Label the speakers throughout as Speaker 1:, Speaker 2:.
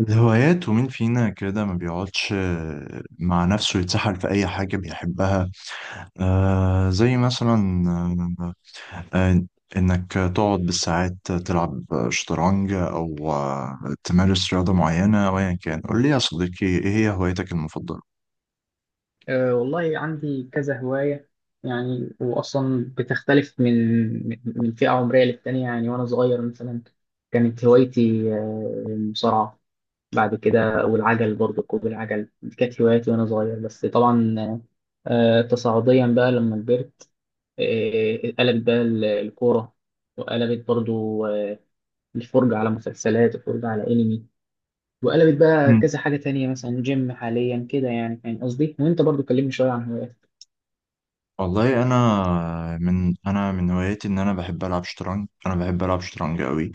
Speaker 1: الهوايات ومين فينا كده ما بيقعدش مع نفسه يتسحل في أي حاجة بيحبها. زي مثلا. آه آه، إنك تقعد بالساعات تلعب شطرنج أو تمارس رياضة معينة، أو أيا كان. قول لي يا صديقي، إيه هي هوايتك المفضلة؟
Speaker 2: والله عندي كذا هواية، يعني وأصلا بتختلف من فئة عمرية للتانية. يعني وأنا صغير مثلا كانت هوايتي المصارعة. بعد كده والعجل، برضه ركوب العجل دي كانت هواياتي وأنا صغير. بس طبعا تصاعديا بقى لما كبرت قلبت بقى الكورة، وقلبت برضه آه، الفرجة على مسلسلات والفرجة على أنمي. وقلبت بقى
Speaker 1: مم.
Speaker 2: كذا حاجة تانية، مثلا جيم حاليا كده، يعني فاهم قصدي. وأنت برضه كلمني شوية عن هواياتك.
Speaker 1: والله، أنا من، أنا من هواياتي إن أنا بحب ألعب شطرنج. أنا بحب ألعب شطرنج أوي.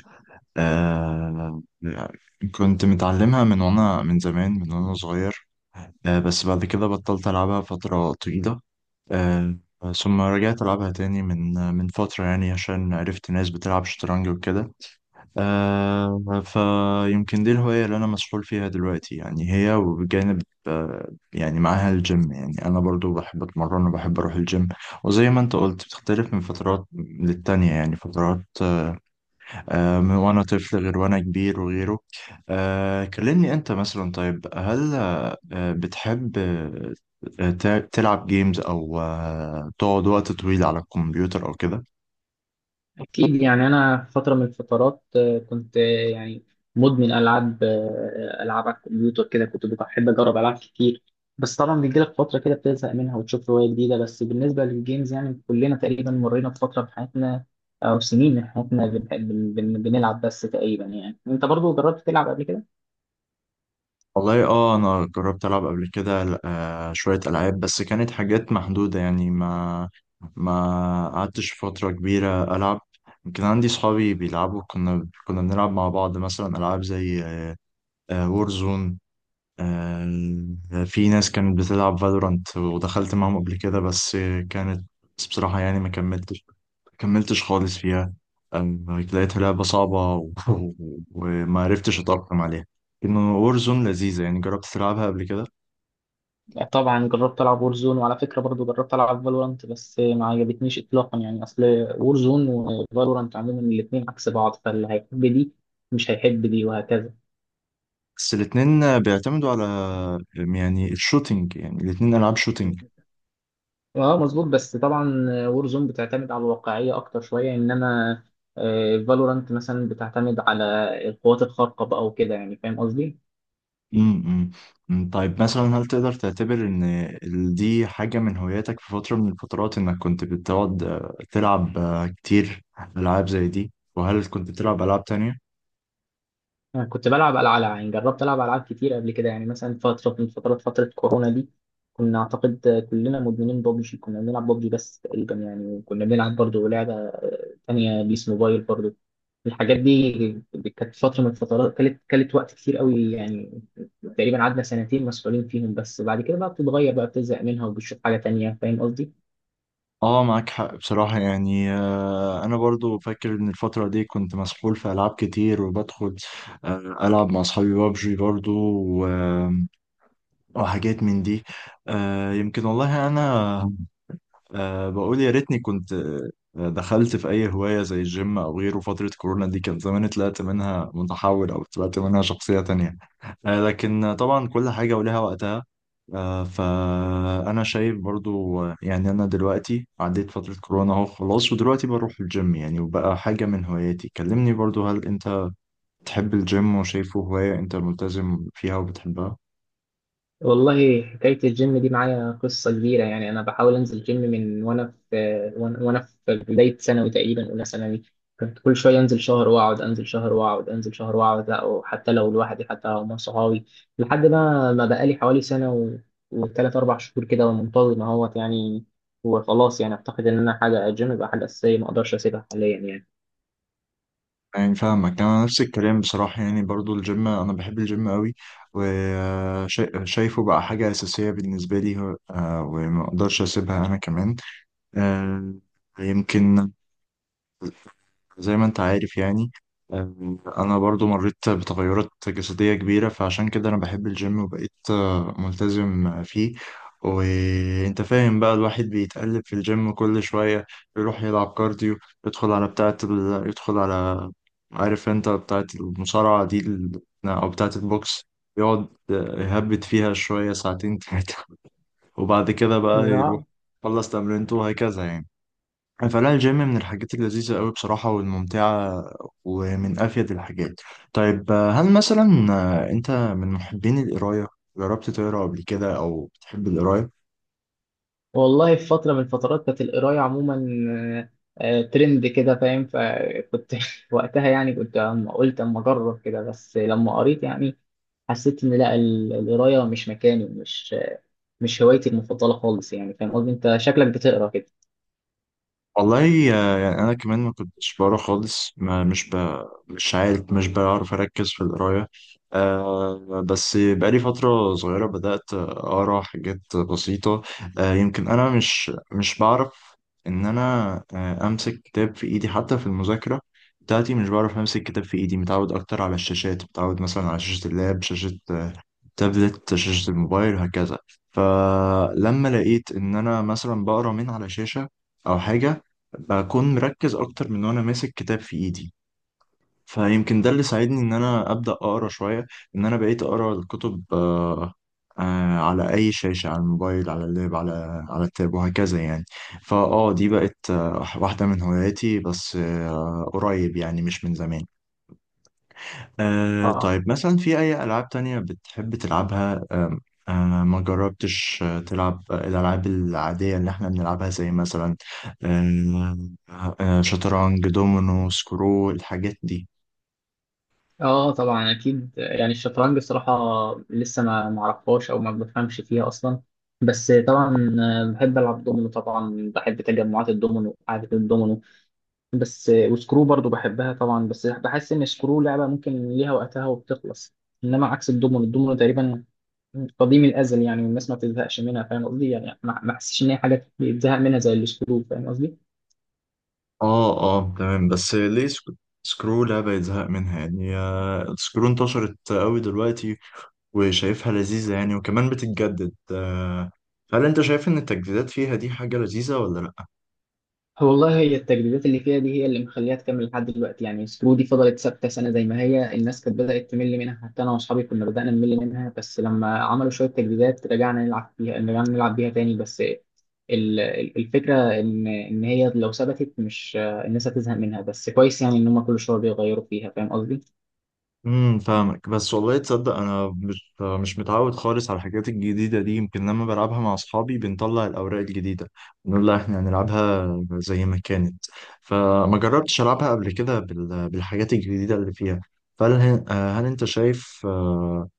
Speaker 1: آه كنت متعلمها من وأنا من زمان، من وأنا صغير. بس بعد كده بطلت ألعبها فترة طويلة. آه، ثم رجعت ألعبها تاني من فترة، يعني عشان عرفت ناس بتلعب شطرنج وكده. فيمكن دي الهواية اللي أنا مسحول فيها دلوقتي يعني، هي. وبجانب يعني معاها الجيم، يعني أنا برضو بحب أتمرن وبحب أروح الجيم. وزي ما أنت قلت، بتختلف من فترات للتانية، يعني فترات، من وأنا طفل غير وأنا كبير وغيره. كلمني أنت مثلا، طيب هل بتحب آه، ت- تلعب جيمز، أو تقعد وقت طويل على الكمبيوتر أو كده؟
Speaker 2: أكيد، يعني أنا في فترة من الفترات كنت يعني مدمن ألعاب، ألعاب على الكمبيوتر كده. كنت بحب أجرب ألعاب كتير، بس طبعا بيجيلك فترة كده بتزهق منها وتشوف هواية جديدة. بس بالنسبة للجيمز يعني كلنا تقريبا مرينا بفترة في حياتنا أو سنين من حياتنا بنلعب. بس تقريبا، يعني أنت برضو جربت تلعب قبل كده؟
Speaker 1: والله، اه، انا جربت العب قبل كده. شويه العاب، بس كانت حاجات محدوده، يعني ما قعدتش فتره كبيره العب. يمكن عندي صحابي بيلعبوا، كنا بنلعب مع بعض مثلا العاب زي وورزون. في ناس كانت بتلعب فالورانت ودخلت معاهم قبل كده. بس كانت بصراحة، يعني ما كملتش خالص فيها. آه، لقيتها لعبة صعبة وما عرفتش أتأقلم عليها. إنه وورزون لذيذة، يعني جربت تلعبها قبل كده؟
Speaker 2: لا طبعا جربت العب وورزون، وعلى فكره برضو جربت العب فالورانت بس ما عجبتنيش اطلاقا. يعني اصل وورزون وفالورانت عموما الاثنين عكس بعض، فاللي هيحب دي مش هيحب دي وهكذا.
Speaker 1: بس الاتنين بيعتمدوا على، يعني الشوتينج، يعني الاتنين ألعاب شوتينج.
Speaker 2: اه مظبوط. بس طبعا وورزون بتعتمد على الواقعيه اكتر شويه، انما فالورانت مثلا بتعتمد على القوات الخارقه بقى وكده، يعني فاهم قصدي.
Speaker 1: امم. أمم. طيب مثلا، هل تقدر تعتبر ان دي حاجة من هواياتك؟ في فترة من الفترات انك كنت بتقعد تلعب كتير العاب زي دي؟ وهل كنت بتلعب العاب تانية؟
Speaker 2: أنا كنت بلعب ألعاب، يعني جربت ألعب ألعاب كتير قبل كده. يعني مثلا فترة من فترات فترة كورونا دي كنا أعتقد كلنا مدمنين بابجي، كنا بنلعب بابجي. بس تقريبا يعني وكنا بنلعب برضه لعبة تانية بيس موبايل برضه. الحاجات دي كانت فترة من الفترات، كانت وقت كتير قوي يعني. تقريبا قعدنا سنتين مسؤولين فيهم، بس بعد كده بقى بتتغير، بقى بتزهق منها وبتشوف حاجة تانية، فاهم قصدي؟
Speaker 1: اه، معاك حق بصراحة. يعني انا برضو فاكر ان الفترة دي كنت مسحول في العاب كتير، وبدخل العب مع اصحابي بابجي برضو و- وحاجات من دي. يمكن والله انا، بقول يا ريتني كنت دخلت في أي هواية زي الجيم أو غيره فترة كورونا دي، كان زماني طلعت منها متحول، أو طلعت منها شخصية تانية. لكن طبعا كل حاجة ولها وقتها. فأنا شايف برضو، يعني أنا دلوقتي عديت فترة كورونا أهو، خلاص. ودلوقتي بروح الجيم يعني، وبقى حاجة من هواياتي. كلمني برضو، هل أنت تحب الجيم وشايفه هواية أنت ملتزم فيها وبتحبها؟
Speaker 2: والله حكاية الجيم دي معايا قصة كبيرة. يعني أنا بحاول أنزل جيم من وأنا في وأنا في بداية ثانوي، تقريبا أولى ثانوي، كنت كل شوية أنزل شهر وأقعد، أنزل شهر وأقعد، أنزل شهر وأقعد، لا وحتى لو لوحدي حتى لو مع صحابي. لحد ما ما بقالي حوالي سنة وثلاث أربع شهور كده منتظم أهوت يعني. وخلاص، يعني أعتقد إن أنا حاجة الجيم بقى حاجة أساسية ما أقدرش أسيبها حاليا
Speaker 1: يعني فاهمك، انا نفس الكلام بصراحه. يعني برضو الجيم، انا بحب الجيم قوي، وشايفه بقى حاجه اساسيه بالنسبه لي. وما اقدرش اسيبها انا كمان. آه، يمكن زي ما انت عارف يعني، انا برضو مريت بتغيرات جسدية كبيرة، فعشان كده انا بحب الجيم، وبقيت ملتزم فيه. وانت فاهم بقى، الواحد بيتقلب في الجيم كل شوية. يروح يلعب كارديو، يدخل على، عارف انت، بتاعة المصارعة دي، او بتاعة البوكس. يقعد يهبد فيها شوية ساعتين تلاتة، وبعد كده بقى يروح،
Speaker 2: يعني.
Speaker 1: خلص تمرينته، وهكذا يعني. فلا، الجيم من الحاجات اللذيذة قوي بصراحة والممتعة، ومن أفيد الحاجات. طيب، هل مثلا، أنت من محبين القراية؟ جربت تقرا قبل كده أو بتحب القراية؟
Speaker 2: والله في فترة من الفترات كانت القراية عموما ترند كده فاهم. فكنت وقتها، يعني كنت قلت أما أجرب كده. بس لما قريت يعني حسيت إن لا، القراية مش مكاني، مش هوايتي المفضلة خالص، يعني فاهم قصدي. أنت شكلك بتقرا كده.
Speaker 1: والله، يعني انا كمان ما كنتش بقرا خالص. ما مش ب... مش عارف، مش بعرف اركز في القرايه. بس بقالي فتره صغيره بدات اقرا حاجات بسيطه. يمكن انا مش بعرف ان انا امسك كتاب في ايدي، حتى في المذاكره بتاعتي مش بعرف امسك كتاب في ايدي. متعود اكتر على الشاشات، متعود مثلا على شاشه اللاب، شاشه تابلت، شاشة الموبايل، وهكذا. فلما لقيت إن أنا مثلا بقرا من على شاشة أو حاجة، بكون مركز أكتر من وأنا ماسك كتاب في إيدي. فيمكن ده اللي ساعدني إن أنا أبدأ أقرا شوية، إن أنا بقيت أقرا الكتب. على أي شاشة، على الموبايل، على اللاب، على التاب، وهكذا يعني. فأه، دي بقت واحدة من هواياتي. بس قريب، يعني مش من زمان.
Speaker 2: اه
Speaker 1: طيب مثلا، في أي ألعاب تانية بتحب تلعبها؟ آه ما جربتش تلعب الألعاب العادية اللي احنا بنلعبها، زي مثلا آه شطرنج، دومينو، سكرو، الحاجات دي؟
Speaker 2: اه طبعا اكيد. يعني الشطرنج الصراحه لسه ما معرفهاش او ما بفهمش فيها اصلا. بس طبعا بحب العب دومينو، طبعا بحب تجمعات الدومينو وقعده الدومينو بس. وسكرو برضو بحبها طبعا، بس بحس ان سكرو لعبه ممكن ليها وقتها وبتخلص. انما عكس الدومينو، الدومينو تقريبا قديم الازل يعني والناس ما بتزهقش منها، فاهم قصدي. يعني ما احسش ان هي حاجه بيتزهق منها زي السكرو، فاهم قصدي.
Speaker 1: اه، اه، تمام. بس ليه سكرو لعبة يتزهق منها يعني؟ سكرو انتشرت قوي دلوقتي، وشايفها لذيذة يعني، وكمان بتتجدد. هل انت شايف ان التجديدات فيها دي حاجة لذيذة ولا لأ؟
Speaker 2: هو والله هي التجديدات اللي فيها دي هي اللي مخليها تكمل لحد دلوقتي. يعني سكرو دي فضلت ثابته سنه زي ما هي، الناس كانت بدات تمل منها، حتى انا واصحابي كنا بدانا نمل منها. بس لما عملوا شويه تجديدات رجعنا نلعب فيها، رجعنا نلعب بيها تاني. بس الفكره ان ان هي لو ثبتت مش الناس هتزهق منها. بس كويس يعني ان هم كل شويه بيغيروا فيها، فاهم قصدي.
Speaker 1: امم، فاهمك. بس والله تصدق، انا مش متعود خالص على الحاجات الجديده دي. يمكن لما بلعبها مع اصحابي، بنطلع الاوراق الجديده نقول لها احنا هنلعبها زي ما كانت. فما جربتش العبها قبل كده بالحاجات الجديده اللي فيها. فهل آه، هل انت شايف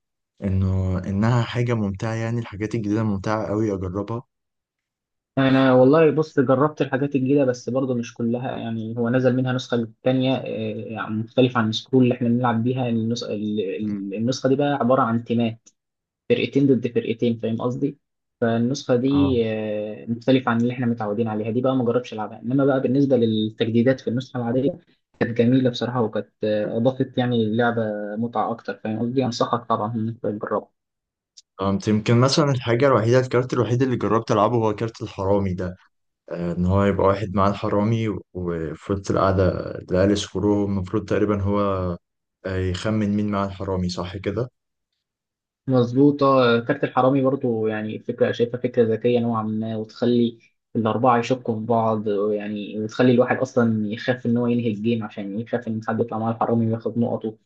Speaker 1: انها حاجه ممتعه، يعني الحاجات الجديده ممتعه قوي، اجربها؟
Speaker 2: انا والله بص جربت الحاجات الجديده بس برضه مش كلها. يعني هو نزل منها نسخه تانية يعني مختلفه عن السكرول اللي احنا بنلعب بيها. النسخه
Speaker 1: مم.
Speaker 2: النسخه دي بقى عباره عن تيمات، فرقتين ضد فرقتين، فاهم قصدي. فالنسخه
Speaker 1: اه،
Speaker 2: دي مختلفه عن اللي احنا متعودين عليها، دي بقى ما جربتش العبها. انما بقى بالنسبه للتجديدات في النسخه العاديه كانت جميله بصراحه، وكانت اضافت يعني اللعبه متعه اكتر، فاهم قصدي. انصحك طبعا انك تجربها.
Speaker 1: فهمت. يمكن مثلا الحاجه الوحيده الكارت الوحيد اللي جربت العبه هو كارت الحرامي ده. ان هو يبقى واحد معاه الحرامي، وفي وسط القعده العيال يسكروه. المفروض تقريبا هو يخمن مين معاه الحرامي، صح كده؟
Speaker 2: مظبوطة. كارت الحرامي برضو يعني فكرة شايفها فكرة ذكية نوعا ما، وتخلي الأربعة يشكوا في بعض، يعني وتخلي الواحد أصلا يخاف إن هو ينهي الجيم عشان يخاف إن حد يطلع معاه الحرامي وياخد نقطه.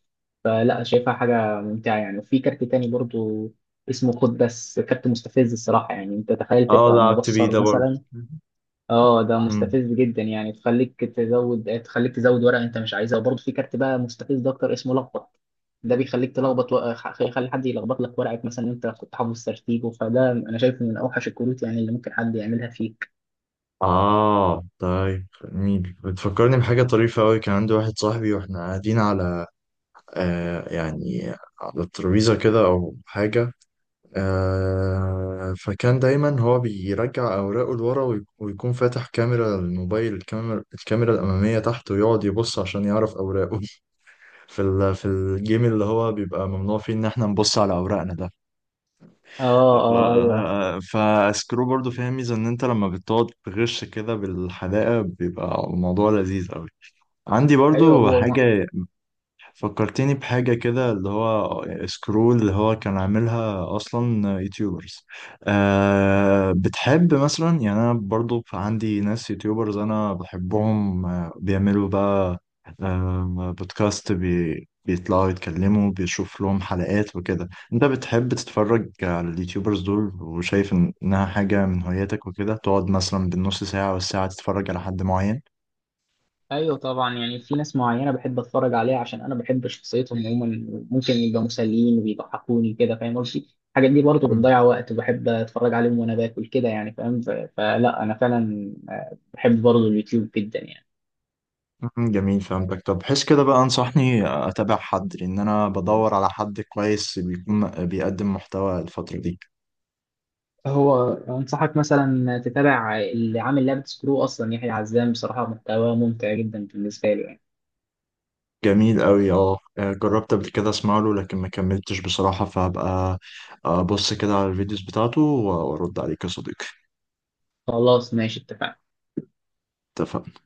Speaker 2: فلا شايفها حاجة ممتعة يعني. وفي كارت تاني برضو اسمه خد، بس كارت مستفز الصراحة. يعني أنت تخيل
Speaker 1: اه،
Speaker 2: تبقى
Speaker 1: لعبت بيه ده
Speaker 2: مبصر
Speaker 1: برضه.
Speaker 2: مثلا. اه ده
Speaker 1: مم.
Speaker 2: مستفز جدا، يعني تخليك تزود، تخليك تزود ورقه انت مش عايزها. وبرضه في كارت بقى مستفز اكتر اسمه لخبط. ده بيخليك تلخبط يخلي حد يلخبط لك ورقك، مثلا انت كنت حافظ ترتيبه. فده انا شايفه من اوحش الكروت يعني اللي ممكن حد يعملها فيك.
Speaker 1: اه، طيب جميل. بتفكرني بحاجه طريفه قوي. كان عندي واحد صاحبي، واحنا قاعدين على يعني على الترابيزه كده او حاجه. فكان دايما هو بيرجع اوراقه لورا، ويكون فاتح كاميرا الموبايل، الكاميرا الاماميه تحت، ويقعد يبص عشان يعرف اوراقه في الجيم، اللي هو بيبقى ممنوع فيه ان احنا نبص على اوراقنا ده.
Speaker 2: اه
Speaker 1: ف...
Speaker 2: اه ايوه.
Speaker 1: فسكرو برضو فيها ميزة، ان انت لما بتقعد تغش كده بالحدائق، بيبقى الموضوع لذيذ قوي. عندي
Speaker 2: ايوه
Speaker 1: برضو
Speaker 2: هو
Speaker 1: حاجة فكرتني بحاجة كده، اللي هو سكرول، اللي هو كان عاملها أصلا يوتيوبرز. بتحب مثلا، يعني أنا برضو عندي ناس يوتيوبرز أنا بحبهم، بيعملوا بقى بودكاست، بيطلعوا يتكلموا، بيشوف لهم حلقات وكده. أنت بتحب تتفرج على اليوتيوبرز دول، وشايف إنها حاجة من هواياتك، وكده تقعد مثلا بالنص ساعة والساعة تتفرج على حد معين؟
Speaker 2: ايوه طبعا. يعني في ناس معينه بحب اتفرج عليها عشان انا بحب شخصيتهم عموما، ممكن يبقى مسليين وبيضحكوني كده، فاهم قصدي. الحاجات دي برضه بتضيع وقت، وبحب اتفرج عليهم وانا باكل كده يعني فاهم. فلا انا فعلا بحب برضه اليوتيوب جدا يعني.
Speaker 1: مم، جميل، فهمتك. طب بحيث كده بقى، انصحني اتابع حد، لان انا بدور على حد كويس بيكون بيقدم محتوى الفترة دي.
Speaker 2: هو انصحك مثلا تتابع اللي عامل لعبه سكرو اصلا، يحيى عزام، بصراحه محتواه ممتع جدا بالنسبه له يعني.
Speaker 1: جميل قوي. اه، جربت قبل كده اسمع له، لكن ما كملتش بصراحة. فهبقى ابص كده على الفيديوز بتاعته، وارد عليك يا صديقي.
Speaker 2: خلاص ماشي، اتفقنا.
Speaker 1: اتفقنا.